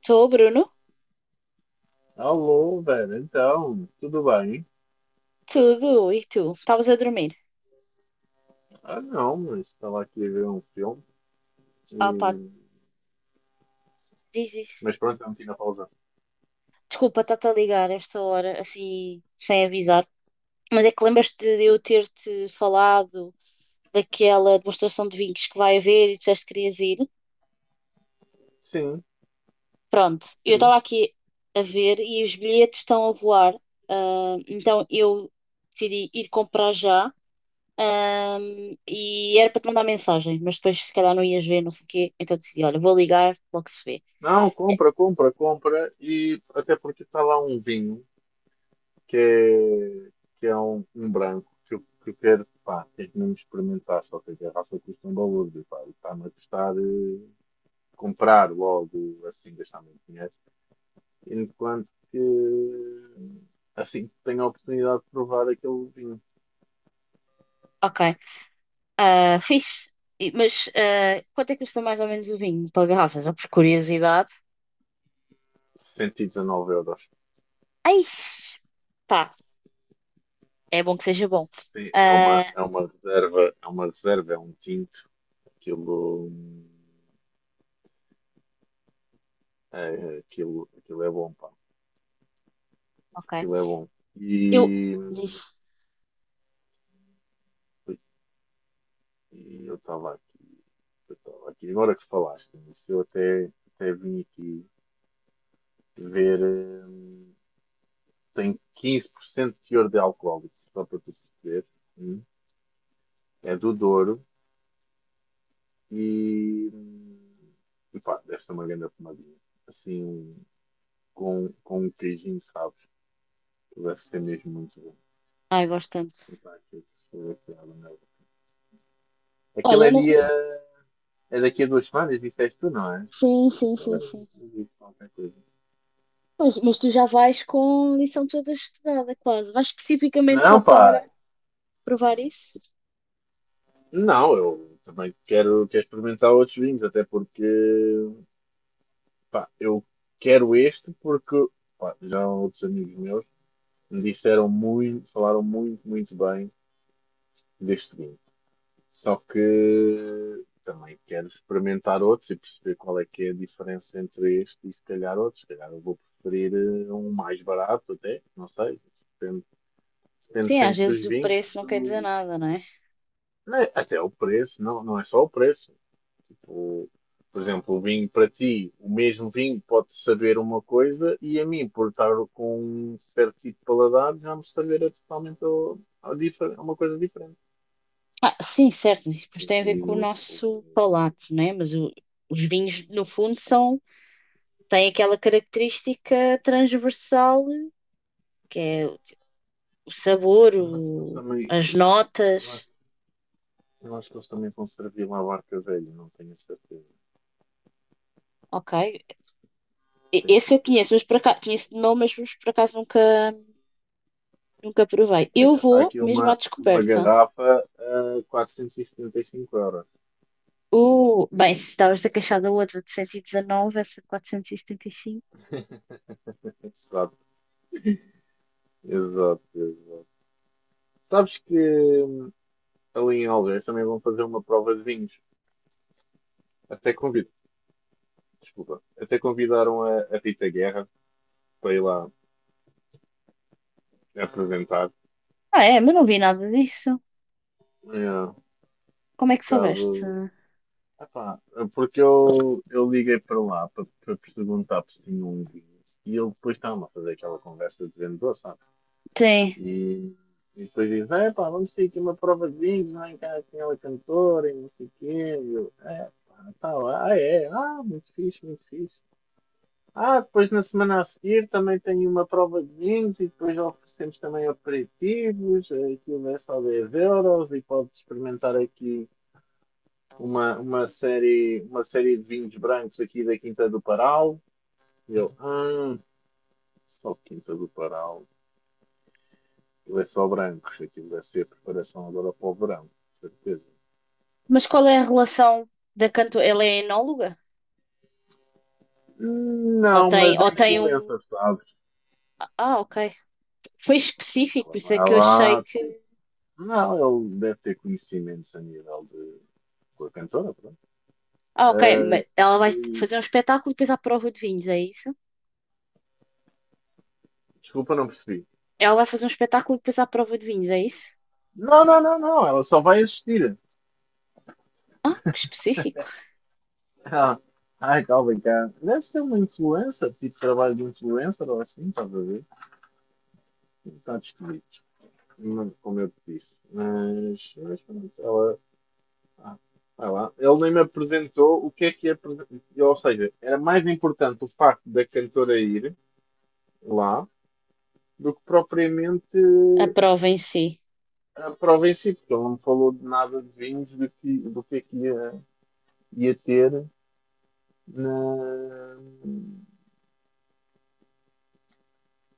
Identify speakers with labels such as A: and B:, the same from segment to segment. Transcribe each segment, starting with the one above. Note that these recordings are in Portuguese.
A: Estou, Bruno?
B: Alô, velho. Então, tudo bem?
A: Tudo, e tu? Estavas a dormir?
B: Ah, não, mas estava aqui a ver um filme.
A: Ah pá,
B: E...
A: diz isso.
B: Mas pronto, eu meti na pausa.
A: Desculpa, estar te a ligar esta hora, assim, sem avisar. Mas é que lembras-te de eu ter-te falado daquela demonstração de vinhos que vai haver e disseste que querias ir?
B: Sim,
A: Pronto, eu
B: sim.
A: estava aqui a ver e os bilhetes estão a voar. Ah, então eu decidi ir comprar já. Ah, e era para te mandar mensagem, mas depois se calhar não ias ver, não sei o quê. Então decidi, olha, vou ligar, logo se vê.
B: Não, compra, compra, compra. E até porque está lá um vinho que é, que é um branco que eu quero, pá, tenho que mesmo experimentar. Só que a garrafa custa um valor, e, pá, e está-me a custar comprar logo assim, gastar muito dinheiro. Enquanto que assim que tenho a oportunidade de provar aquele vinho.
A: Ok. Ah, fixe. Mas quanto é que custa mais ou menos o vinho para garrafas? Ou por curiosidade?
B: 119 euros.
A: Ai, pá, é bom que seja bom.
B: Sim, é uma,
A: Ah,
B: é uma reserva, é um tinto. Aquilo, é, aquilo é bom, pá.
A: ok.
B: Aquilo é bom.
A: Eu.
B: E,
A: Diz.
B: e eu estava aqui, eu estava aqui. Agora que falaste nisso, até vim aqui ver. hum, Tem 15% de teor de alcoólicos, só para tu perceber. Hum. É do Douro e, hum, e pá, deve ser uma grande pomadinha. Assim, com um queijinho, sabe? Que vai ser mesmo muito bom.
A: Ai, gosto tanto.
B: Epá, que pessoa que ela é.
A: Olha,
B: Aquilo
A: eu
B: é dia.
A: não.
B: É daqui a duas semanas, disseste tu, não é?
A: Sim, sim,
B: Eu
A: sim,
B: lembro,
A: sim.
B: eu digo qualquer coisa.
A: Pois, mas tu já vais com a lição toda estudada, quase. Vais especificamente só
B: Não,
A: para
B: pá.
A: provar isso?
B: Não, eu também quero, quero experimentar outros vinhos, até porque. Pá, eu quero este porque. Pá, já outros amigos meus me disseram muito, falaram muito bem deste vinho. Só que também quero experimentar outros e perceber qual é que é a diferença entre este e se calhar outros. Se calhar eu vou preferir um mais barato até, não sei. Isso depende, depende
A: Sim, às
B: sempre dos
A: vezes o
B: vinhos e
A: preço não quer dizer
B: do...
A: nada, não é?
B: É, até o preço, não, não é só o preço. Tipo, por exemplo, o vinho para ti, o mesmo vinho pode saber uma coisa e a mim, por estar com um certo tipo de paladar, já me saber totalmente uma coisa diferente.
A: Ah, sim, certo. Isso depois
B: O
A: tem a ver com o
B: vinho, o
A: nosso
B: vinho.
A: palato, não é? Mas os vinhos, no fundo, são tem aquela característica transversal que é o sabor,
B: Nós também
A: as notas.
B: Eu acho, eu acho que eles também vão servir uma barca velha, não tenho a certeza.
A: Ok.
B: Tenho que
A: Esse
B: ir
A: eu
B: ver.
A: conheço, mas por acaso, conheço de nome, mas por acaso nunca provei.
B: Por
A: Eu
B: acaso está
A: vou
B: aqui
A: mesmo à
B: uma
A: descoberta.
B: garrafa a 475 euros.
A: O, bem, se estavas a queixar da outra de 119, essa de 475.
B: Exato, exato, exato. Sabes que hum, ali em Algés também vão fazer uma prova de vinhos. Até convido, desculpa. Até convidaram a Rita Guerra para ir lá apresentar.
A: Ah, é, mas não vi nada disso.
B: É, por
A: Como é que soubeste?
B: causa epá, porque eu liguei para lá para perguntar se tinha um vinho e ele depois estava a fazer aquela conversa de vendedor, sabe?
A: Sim,
B: E, e depois diz: É pá, vamos ter aqui uma prova de vinhos, lá em casa tinha ela cantora e não sei o quê. E eu: É pá, tá lá, ah é, ah, muito fixe, muito fixe. Ah, depois na semana a seguir também tenho uma prova de vinhos e depois oferecemos também aperitivos, aquilo é só 10 € e podes experimentar aqui uma série de vinhos brancos aqui da Quinta do Paral. E eu, ah, só Quinta do Paral. Ele é só brancos, aquilo deve ser a preparação agora para o verão, com certeza.
A: mas qual é a relação da cantora? Ela é enóloga? Ou
B: Não,
A: tem,
B: mas é
A: ou tem um.
B: influencer, sabes?
A: Ah, ok. Foi específico, por
B: Ela não
A: isso é
B: é
A: que eu achei
B: lá,
A: que...
B: tipo, não, ele deve ter conhecimentos a nível de com a cantora, pronto.
A: Ah, ok. Mas
B: Ah,
A: ela vai
B: e
A: fazer um espetáculo e depois à prova de vinhos, é isso?
B: desculpa, não percebi.
A: Ela vai fazer um espetáculo e depois à prova de vinhos, é isso?
B: Não, não, não, não, ela só vai assistir.
A: Ah, que específico.
B: Ah, ai, calma, cara. Deve ser uma influencer, tipo trabalho de influencer ou assim, estás a ver? Um bocado esquisito. Não, como eu te disse. Mas pronto, ela. Ah, vai lá. Ele nem me apresentou o que é que é. Ou seja, era mais importante o facto da cantora ir lá do que propriamente
A: A prova em si,
B: a prova em si, porque ele não me falou de nada de vinhos, do que é que ia ter na.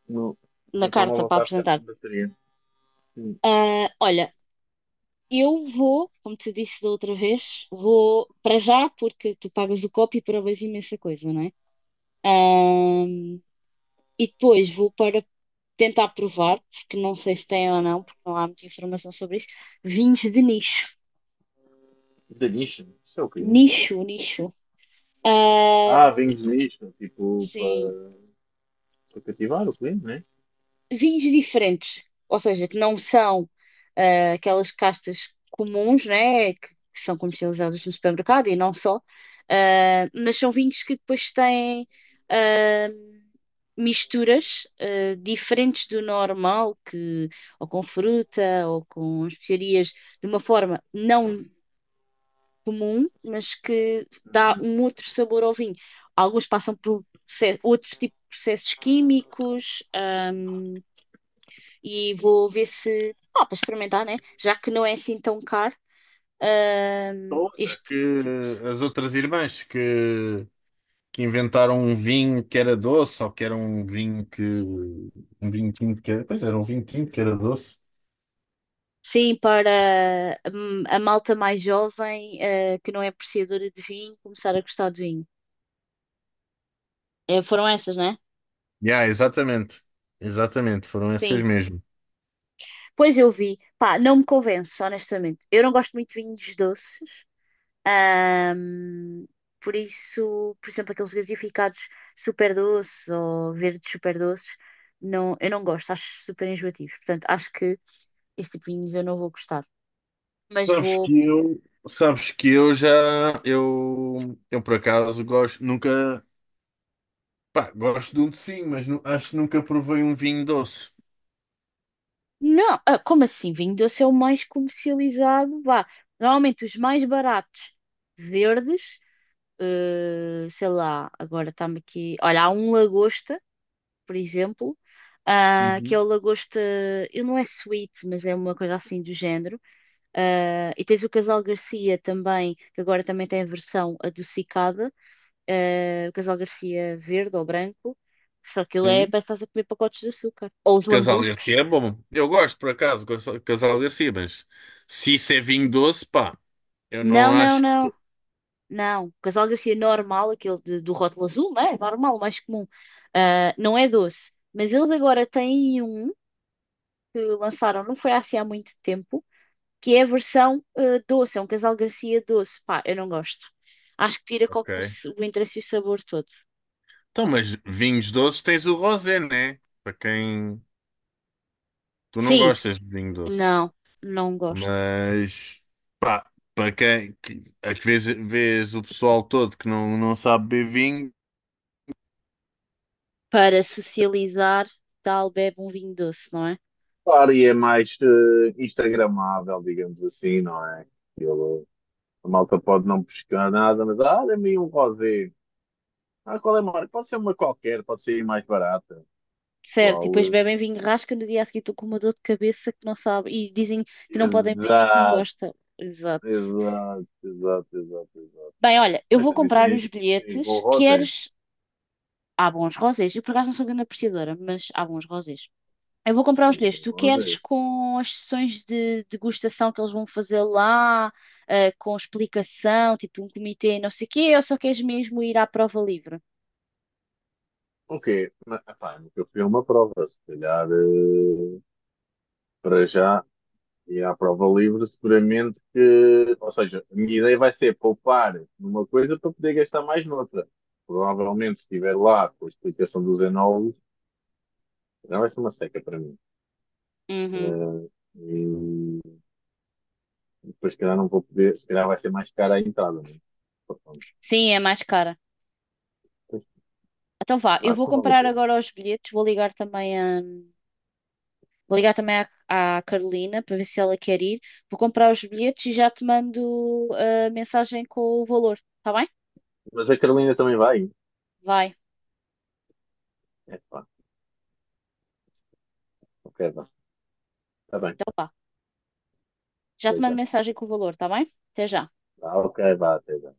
B: No, o
A: na
B: meu
A: carta
B: telemóvel
A: para
B: está a ficar
A: apresentar.
B: sem bateria. Hum,
A: Ah, olha, eu vou, como te disse da outra vez, vou para já, porque tu pagas o copo e provas imensa coisa, não é? Ah, e depois vou para tentar provar, porque não sei se tem ou não, porque não há muita informação sobre isso, vinhos de nicho.
B: Da nicho, isso é o quê?
A: Nicho, nicho. Ah,
B: Ah, vens nicho, tipo,
A: sim,
B: para cativar o cliente, né?
A: vinhos diferentes, ou seja, que não são aquelas castas comuns, né, que são comercializadas no supermercado e não só, mas são vinhos que depois têm ah, misturas diferentes do normal, que ou com fruta ou com especiarias, de uma forma não comum, mas que dá um outro sabor ao vinho. Alguns passam por outros tipos de processos químicos. E vou ver se, para experimentar, né? Já que não é assim tão caro,
B: Outra,
A: este,
B: que as outras irmãs que inventaram um vinho que era doce, ou que era um vinho que. Um vinho tinto que era. Pois era um vinho tinto que era doce.
A: sim, para a malta mais jovem, que não é apreciadora de vinho, começar a gostar de vinho. Foram essas, né?
B: Yeah, exatamente. Exatamente, foram essas
A: Sim.
B: mesmo.
A: Pois eu vi. Pá, não me convence, honestamente. Eu não gosto muito de vinhos doces. ahm, por isso, por exemplo, aqueles gasificados super doces ou verdes super doces, não, eu não gosto, acho super enjoativo. Portanto, acho que esse tipo de vinhos eu não vou gostar. Mas
B: Sabes
A: vou.
B: que eu. Sabes que eu já. Eu por acaso gosto. Nunca. Pá, gosto de um docinho, mas acho que nunca provei um vinho doce.
A: Não, como assim? Vinho doce é o mais comercializado. Vá. Normalmente os mais baratos, verdes, sei lá, agora está-me aqui. Olha, há um lagosta, por exemplo, que é
B: Uhum.
A: o lagosta. Ele não é sweet, mas é uma coisa assim do género. Ah, e tens o Casal Garcia também, que agora também tem a versão adocicada. O Casal Garcia verde ou branco. Só que ele é,
B: Sim.
A: parece que estás a comer pacotes de açúcar. Ou os
B: Casal Garcia
A: lambruscos.
B: é bom. Eu gosto, por acaso, gosto de Casal Garcia, mas se isso é vinho doce, pá, eu não
A: Não, não,
B: acho.
A: não. Não. O Casal Garcia normal, aquele do rótulo azul, né? Normal, mais comum. Ah, não é doce. Mas eles agora têm um que lançaram, não foi assim há muito tempo, que é a versão doce. É um Casal Garcia doce. Pá, eu não gosto. Acho que tira com o,
B: Ok.
A: s- o interesse e o sabor todo.
B: Então, mas vinhos doces tens o rosé, né? Para quem. Tu não
A: Sim.
B: gostas de vinho doce.
A: Não, não gosto.
B: Mas. Pá, para quem. A que vês, vês o pessoal todo que não, não sabe beber vinho.
A: Para socializar, tal, bebe um vinho doce, não é?
B: Claro, e é mais instagramável, digamos assim, não é? Aquilo, a malta pode não pescar nada, mas ah, dê-me aí um rosé. Ah, qual é a marca? Pode ser uma qualquer, pode ser mais barata.
A: Certo, e depois
B: Pessoal,
A: bebem vinho rasca no dia a seguir estou com uma dor de cabeça que não sabe e dizem que não podem beber vinho que não
B: exato,
A: gosta. Exato.
B: exato, exato, exato, exato.
A: Bem, olha, eu
B: Mas
A: vou
B: também
A: comprar os
B: tens, tens bom
A: bilhetes.
B: rosé,
A: Queres? Há bons rosés. Eu por acaso não sou grande apreciadora, mas há bons rosés. Eu vou comprar os
B: tens
A: bilhetes.
B: bom
A: Tu queres
B: rosés.
A: com as sessões de degustação que eles vão fazer lá, com explicação, tipo um comitê, não sei o quê, ou só queres mesmo ir à prova livre?
B: O quê? Mas, epá, nunca fui a uma prova, se calhar, para já. E à prova livre, seguramente que. Ou seja, a minha ideia vai ser poupar numa coisa para poder gastar mais noutra. Provavelmente, se estiver lá com a explicação dos enólogos, já vai ser uma seca para mim.
A: Uhum.
B: Eh, E depois, se calhar, não vou poder. Se calhar, vai ser mais cara a entrada, né? Portanto,
A: Sim, é mais cara.
B: pois,
A: Então vá, eu
B: acho
A: vou
B: que não vale a
A: comprar
B: pena.
A: agora os bilhetes, vou ligar também à Carolina para ver se ela quer ir. Vou comprar os bilhetes e já te mando a mensagem com o valor, tá bem?
B: Mas a Carolina também vai.
A: Vai,
B: É pá, ok, vá. Está bem,
A: então vá. Já te
B: até
A: mando
B: já.
A: mensagem com o valor, tá bem? Até já.
B: Ah, ok, vá, até já.